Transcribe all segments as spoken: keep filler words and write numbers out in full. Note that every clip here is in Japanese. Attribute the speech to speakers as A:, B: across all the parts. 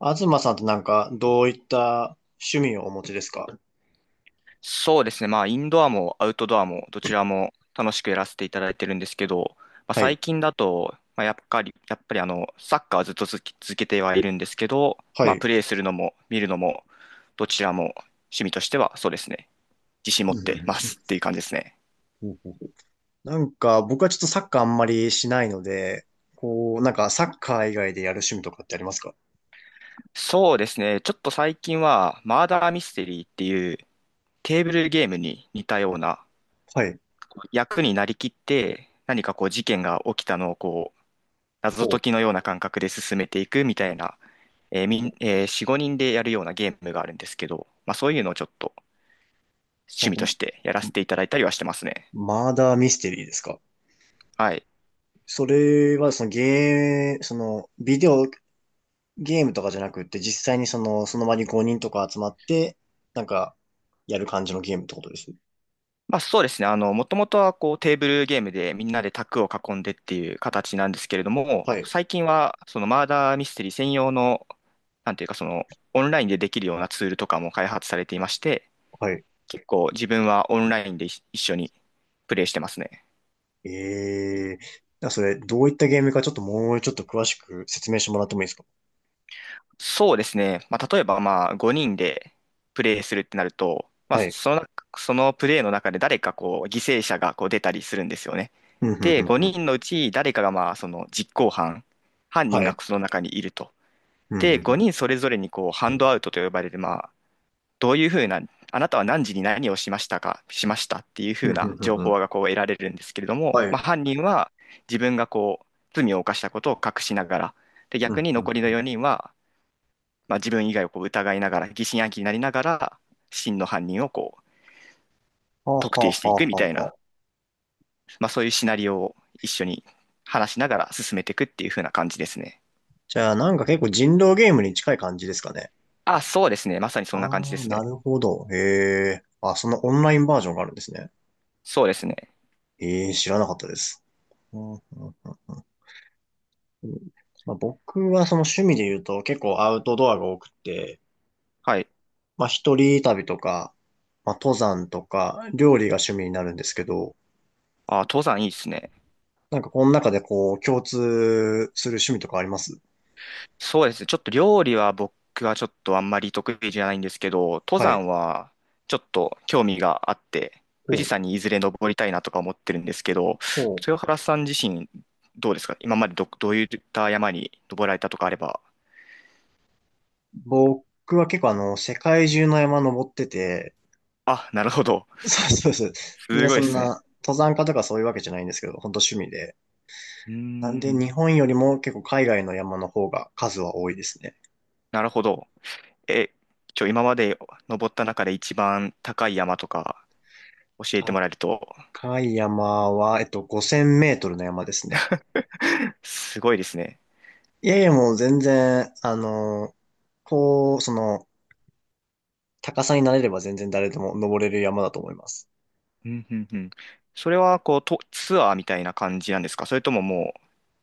A: 東さんってなんか、どういった趣味をお持ちですか？
B: そうですね。まあ、インドアもアウトドアもどちらも楽しくやらせていただいてるんですけど、まあ、
A: はい。
B: 最近だと、まあ、やっぱり、やっぱりあの、サッカーはずっと続き続けてはいるんですけど、
A: は
B: まあ、
A: い。
B: プレーするのも見るのも、どちらも趣味としてはそうですね。自信持
A: う
B: ってま
A: ん
B: すっていう感じですね。
A: うんうん。なんか、僕はちょっとサッカーあんまりしないので、こう、なんか、サッカー以外でやる趣味とかってありますか？
B: そうですね。ちょっと最近は、マーダーミステリーっていうテーブルゲームに似たような
A: はい。
B: 役になりきって、何かこう事件が起きたのをこう、謎
A: ほ
B: 解
A: う。
B: きのような感覚で進めていくみたいなえーみん、えーよん、ごにんでやるようなゲームがあるんですけど、まあそういうのをちょっと趣
A: ほ
B: 味としてやら
A: う。あ、
B: せていただいたりはしてますね。
A: マーダーミステリーですか？
B: はい。
A: それは、そのゲー、その、ビデオゲームとかじゃなくって、実際にその、その場にごにんとか集まって、なんか、やる感じのゲームってことです。
B: まあそうですね。あの、もともとはこうテーブルゲームでみんなで卓を囲んでっていう形なんですけれども、
A: はい。
B: 最近はそのマーダーミステリー専用の、なんていうかそのオンラインでできるようなツールとかも開発されていまして、
A: はい。
B: 結構自分はオンラインで一緒にプレイしてますね。
A: ええー。それ、どういったゲームかちょっともうちょっと詳しく説明してもらってもいいですか？
B: そうですね。まあ、例えば、まあ、ごにんでプレイするってなると、まあ、
A: はい。
B: そのそのプレイの中で誰かこう、犠牲者がこう出たりするんですよね。
A: うん、うん、う
B: で、
A: ん、う
B: 5
A: ん。
B: 人のうち誰かがまあ、その実行犯、犯人
A: は
B: が
A: い。
B: その中にいると。
A: うん、
B: で、
A: うん、うん。
B: ごにんそれぞれにこう、ハンドアウトと呼ばれる、まあ、どういうふうな、あなたは何時に何をしましたか、しましたっていうふ
A: う
B: うな
A: ん、うん、
B: 情
A: うん、う
B: 報
A: ん。
B: がこう得られるんですけれども、
A: は
B: ま
A: い。
B: あ、犯人は自分がこう、罪を犯したことを隠しながら、で、
A: う
B: 逆
A: ん、
B: に
A: うん、
B: 残りの
A: うん。
B: よにんは、まあ、自分以外をこう疑いながら、疑心暗鬼になりながら、真の犯人をこう
A: はあ、
B: 特
A: はあ、
B: 定し
A: はあ、
B: ていくみた
A: は
B: い
A: あ
B: な、
A: はあ。
B: まあ、そういうシナリオを一緒に話しながら進めていくっていう風な感じですね。
A: じゃあ、なんか結構人狼ゲームに近い感じですかね。
B: あ、そうですね。まさにそんな感じで
A: ああ、
B: す
A: な
B: ね。
A: るほど。へえ。あ、そのオンラインバージョンがあるんですね。
B: そうですね。
A: ええ、知らなかったです。うん、うん、うん、うん。まあ、僕はその趣味で言うと結構アウトドアが多くて、
B: はい。
A: まあ、一人旅とか、まあ、登山とか、料理が趣味になるんですけど、
B: あ、登山いいですね。
A: なんかこの中でこう、共通する趣味とかあります？
B: そうですね。ちょっと料理は僕はちょっとあんまり得意じゃないんですけど、登
A: はい。
B: 山はちょっと興味があって、富
A: ほ
B: 士
A: う。
B: 山にいずれ登りたいなとか思ってるんですけど、
A: ほう。
B: 豊原さん自身どうですか、今までど、どういった山に登られたとかあれば。
A: 僕は結構あの、世界中の山登ってて、
B: あ、なるほど。
A: そうそうそう。ね、
B: すご
A: そ
B: いで
A: ん
B: すね。
A: な、登山家とかそういうわけじゃないんですけど、本当趣味で。
B: うー
A: なんで、
B: ん。
A: 日本よりも結構海外の山の方が数は多いですね。
B: なるほど。え、ちょ、今まで登った中で一番高い山とか教えてもらえると、
A: 高い山は、えっと、ごせんメートルの山ですね。
B: すごいですね。
A: いやいや、もう全然、あの、こう、その、高さになれれば全然誰でも登れる山だと思います。
B: うんうんうん。それはこうとツアーみたいな感じなんですか、それとももう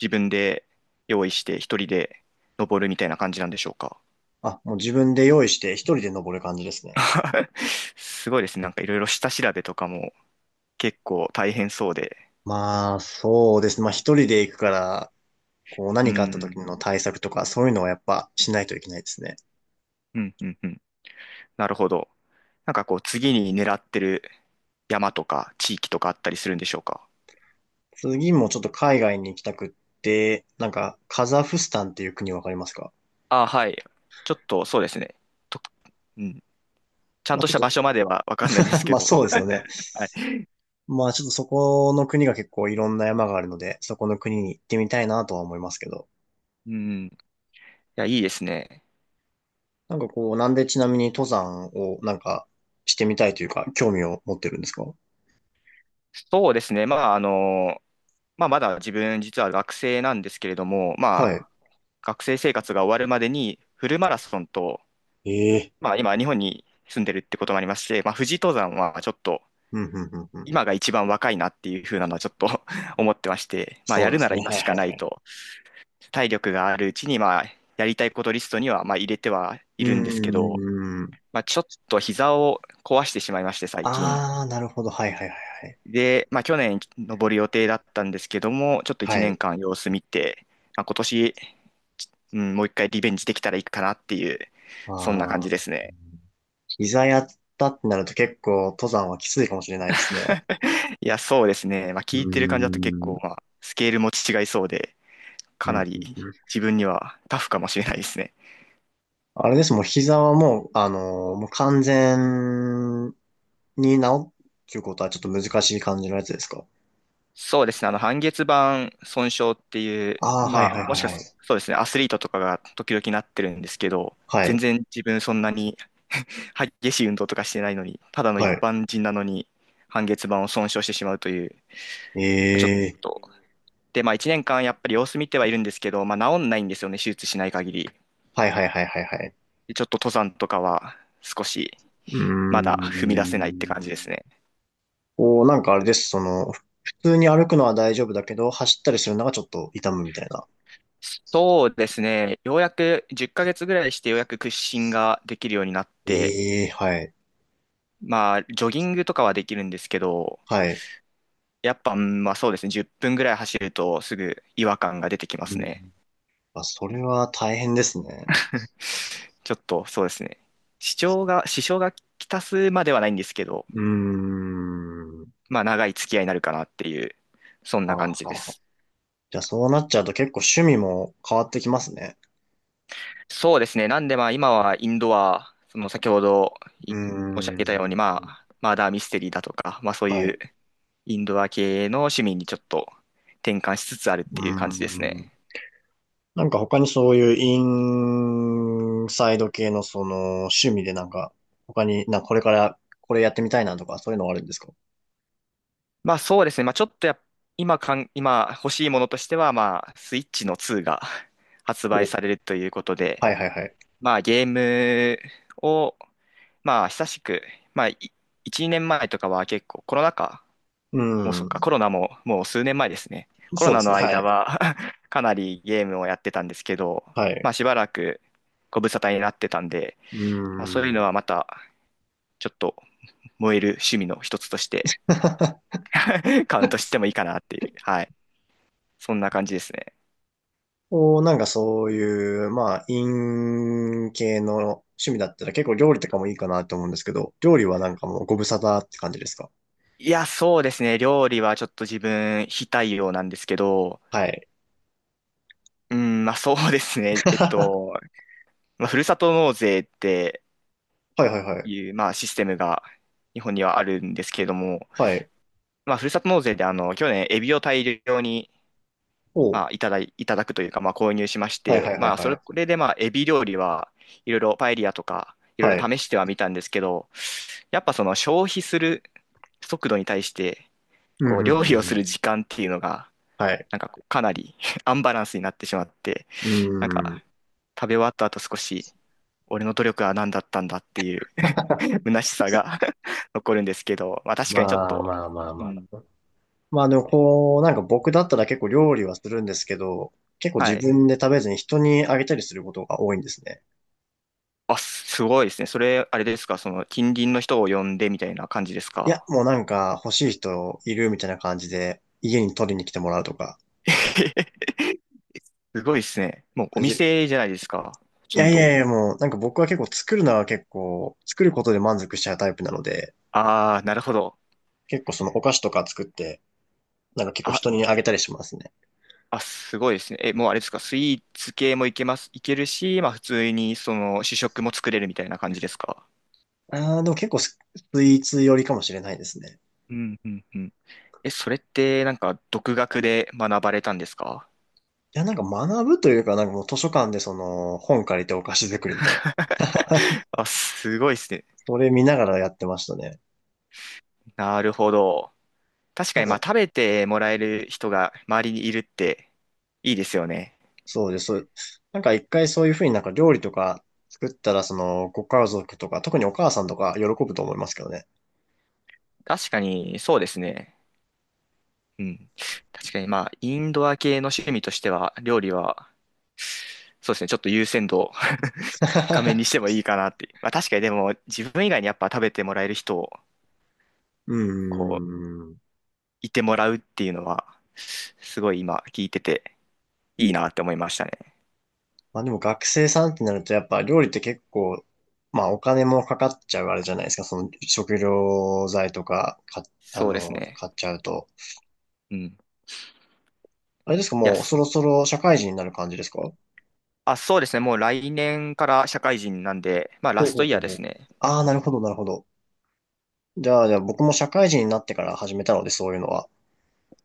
B: 自分で用意して一人で登るみたいな感じなんでしょうか？
A: あ、もう自分で用意して一人で登る感じですね。
B: すごいですね。なんかいろいろ下調べとかも結構大変そうで。
A: まあ、そうですね。まあ一人で行くから、こう
B: う
A: 何かあった
B: ん。
A: 時の対策とかそういうのはやっぱしないといけないですね。
B: うんうんうん。なるほど。なんかこう次に狙ってる山とか地域とかあったりするんでしょうか？
A: 次もちょっと海外に行きたくって、なんかカザフスタンっていう国わかりますか？
B: あ、はい。ちょっとそうですね。と、うん。ちゃん
A: まあ
B: とし
A: ちょっ
B: た
A: と、
B: 場所まではわかんないんです け
A: まあ
B: ど。
A: そうですよね。
B: はい。
A: まあちょっとそこの国が結構いろんな山があるので、そこの国に行ってみたいなとは思いますけど。
B: うん。いや、いいですね。
A: なんかこう、なんでちなみに登山をなんかしてみたいというか、興味を持ってるんですか？
B: そうですね。まあ、あの、まあ、まだ自分実は学生なんですけれども、ま
A: は
B: あ、
A: い。
B: 学生生活が終わるまでにフルマラソンと、
A: ええ。
B: まあ、今日本に住んでるってこともありまして、まあ、富士登山はちょっと
A: うん、うん、うん、うん。
B: 今が一番若いなっていう風なのはちょっと 思ってまして、まあ、
A: そ
B: や
A: うで
B: るな
A: す
B: ら
A: ね。
B: 今
A: はい、
B: し
A: は
B: か
A: い、
B: な
A: は
B: い
A: い。
B: と、体力があるうちに、まあ、やりたいことリストには、まあ、入れてはい
A: う
B: るんですけど、
A: ーん。
B: まあ、ちょっと膝を壊してしまいまして、最近。
A: あー、なるほど。はい、はい、はい、
B: で、まあ、去年登る予定だったんですけども、ちょっと
A: は
B: 1
A: い。は
B: 年
A: い。
B: 間様子見て、まあ、今年、うん、もう一回リベンジできたらいいかなっていう、
A: あ
B: そんな感じで
A: ー。
B: すね。
A: 膝やったってなると結構登山はきついかもしれないですね。
B: いや、そうですね。まあ、
A: う
B: 聞いてる感じだと結
A: ー
B: 構、
A: ん。
B: まあ、スケールも違いそうで、
A: う
B: か
A: ん
B: な
A: う
B: り
A: んうん。
B: 自分にはタフかもしれないですね。
A: あれです、もう膝はもう、あのーもう完全に治るっていうことはちょっと難しい感じのやつですか？
B: そうですね。あの、半月板損傷っていう、
A: ああー、はい
B: ま
A: は
B: あ、
A: い
B: も
A: はい
B: しか
A: は
B: す
A: い。
B: そうですね、アスリートとかが時々なってるんですけど、
A: は
B: 全
A: い、
B: 然自分そんなに激しい運動とかしてないのに、ただの一
A: はい。
B: 般人なのに、半月板を損傷してしまうという、ちょっ
A: ええ、
B: と。で、まあ、いちねんかんやっぱり様子見てはいるんですけど、まあ、治んないんですよね、手術しない限り。
A: はいはいはいはいはい。
B: でちょっと登山とかは少し
A: うー
B: まだ踏み出せないって感じ
A: ん。
B: ですね。
A: こう、なんかあれです、その、ふ普通に歩くのは大丈夫だけど、走ったりするのがちょっと痛むみたいな。
B: そうですね、ようやくじゅっかげつぐらいしてようやく屈伸ができるようになって、
A: ええはい、
B: まあ、ジョギングとかはできるんですけど、
A: はい。
B: やっぱ、うん、まあそうですね、じゅっぷんぐらい走るとすぐ違和感が出てきます
A: うん。
B: ね。
A: あ、それは大変ですね。
B: ちょっとそうですね。支障が、支障がきたすまではないんですけど、
A: うーん。は
B: まあ長い付き合いになるかなっていう、そん
A: あ
B: な感
A: は
B: じ
A: あ
B: で
A: はあ。
B: す。
A: じゃあそうなっちゃうと結構趣味も変わってきますね。
B: そうですね。なんでまあ今はインドア、その先ほど
A: う
B: い
A: ー
B: 申し上
A: ん。
B: げたように、まあマーダーミステリーだとか、まあそう
A: は
B: いう
A: い。
B: インドア系の趣味にちょっと転換しつつあるっ
A: う
B: ていう感じです
A: ーん。
B: ね。
A: なんか他にそういうインサイド系のその趣味でなんか他になんかこれからこれやってみたいなとかそういうのはあるんですか？
B: まあそうですね。まあちょっとやっ今かん、今欲しいものとしては、まあスイッチのツーが 発売
A: お、
B: されるということで、
A: はいはいはい。
B: まあゲームを、まあ久しく、まあいいち、年前とかは結構コロナ禍、
A: う
B: もうそっか、コ
A: ん。
B: ロナももう数年前ですね。コロ
A: そうで
B: ナ
A: す
B: の
A: ね。は
B: 間
A: い。
B: は かなりゲームをやってたんですけど、
A: はい。
B: まあしばらくご無沙汰になってたんで、
A: う
B: まあそういうのは
A: ん。
B: またちょっと燃える趣味の一つとして カウントしてもいいかなっていう、はい。そんな感じですね。
A: お、なんかそういう、まあ、イン系の趣味だったら結構料理とかもいいかなと思うんですけど、料理はなんかもうご無沙汰って感じですか？
B: いや、そうですね。料理はちょっと自分非対応なんですけど、
A: はい。
B: うん、まあそうですね。えっ
A: は
B: と、まあ、ふるさと納税って
A: いはいはい。
B: いう、まあ、システムが日本にはあるんですけれども、
A: はい。
B: まあ、ふるさと納税であの去年、エビを大量に、
A: おう、
B: まあ、いただい、いただくというか、まあ、購入しまし
A: はいは
B: て、
A: いはい
B: まあ、そ
A: は
B: れこ
A: い。
B: れで、まあ、エビ料理はいろいろパエリアとかいろい
A: は
B: ろ
A: い。
B: 試してはみたんですけど、やっぱその消費する速度に対して
A: うん、
B: こう
A: うん、
B: 料理を
A: うん。
B: す
A: うん、
B: る時間っていうのが
A: はい。
B: なんかこうかなり アンバランスになってしまって、
A: う
B: なんか
A: ん。
B: 食べ終わった後少し俺の努力は何だったんだっていう 虚しさが 残るんですけど、まあ確かにちょっ
A: まあ
B: と、
A: まあまあ
B: う
A: ま
B: ん、
A: あ。まあでもこう、なんか僕だったら結構料理はするんですけど、結構
B: は
A: 自
B: い。
A: 分で食べずに人にあげたりすることが多いんですね。
B: あ、すごいですね。それ、あれですか、その近隣の人を呼んでみたいな感じです
A: いや、
B: か？
A: もうなんか欲しい人いるみたいな感じで家に取りに来てもらうとか。
B: すごいですね。もうお
A: じ
B: 店じゃないですか、ほ
A: い
B: と
A: や
B: ん
A: い
B: ど。
A: やいや、もうなんか僕は結構作るのは結構、作ることで満足しちゃうタイプなので、
B: ああ、なるほど。
A: 結構そのお菓子とか作って、なんか結構
B: あ、
A: 人にあげたりしますね。
B: あ、すごいですね。え、もうあれですか、スイーツ系もいけます、いけるし、まあ普通にその主食も作れるみたいな感じですか？
A: ああ、でも結構ススイーツ寄りかもしれないですね。
B: うんうんうん。え、それってなんか独学で学ばれたんですか？
A: いや、なんか学ぶというか、なんかもう図書館でその本借りてお菓子作りの、
B: あ、すごいですね。
A: それ見ながらやってましたね。
B: なるほど。確か
A: なん
B: に、まあ、
A: か、
B: 食べてもらえる人が周りにいるっていいですよね。
A: そうです。そう、なんか一回そういうふうになんか料理とか作ったら、そのご家族とか、特にお母さんとか喜ぶと思いますけどね。
B: 確かに、そうですね。うん。確かに、まあ、インドア系の趣味としては、料理は、そうですね、ちょっと優先度を 高めにして もいいかなって。まあ、確かに、でも、自分以外にやっぱ食べてもらえる人を、
A: う
B: こう、
A: ーん。
B: いてもらうっていうのは、すごい今、聞いてて、いいなって思いましたね。
A: まあでも学生さんってなるとやっぱ料理って結構、まあお金もかかっちゃうあれじゃないですか。その食料材とか、か、あ
B: そうです
A: の、
B: ね。
A: 買っちゃうと。
B: うん。い
A: あれですか、
B: や、
A: もう
B: す
A: そろそろ社会人になる感じですか？
B: あ、そうですね。もう来年から社会人なんで、まあ、ラ
A: ほう
B: ス
A: ほ
B: ト
A: う
B: イ
A: ほ
B: ヤー
A: う
B: で
A: ほ
B: す
A: う。
B: ね。
A: ああ、なるほど、なるほど。じゃあ、じゃあ僕も社会人になってから始めたので、そういうのは。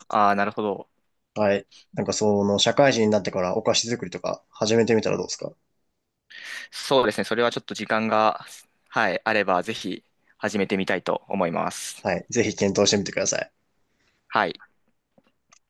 B: ああ、なるほど。
A: はい。なんかその、社会人になってからお菓子作りとか始めてみたらどうですか？
B: そうですね。それはちょっと時間が、はい、あれば、ぜひ始めてみたいと思います。
A: はい。ぜひ検討してみてください。
B: はい。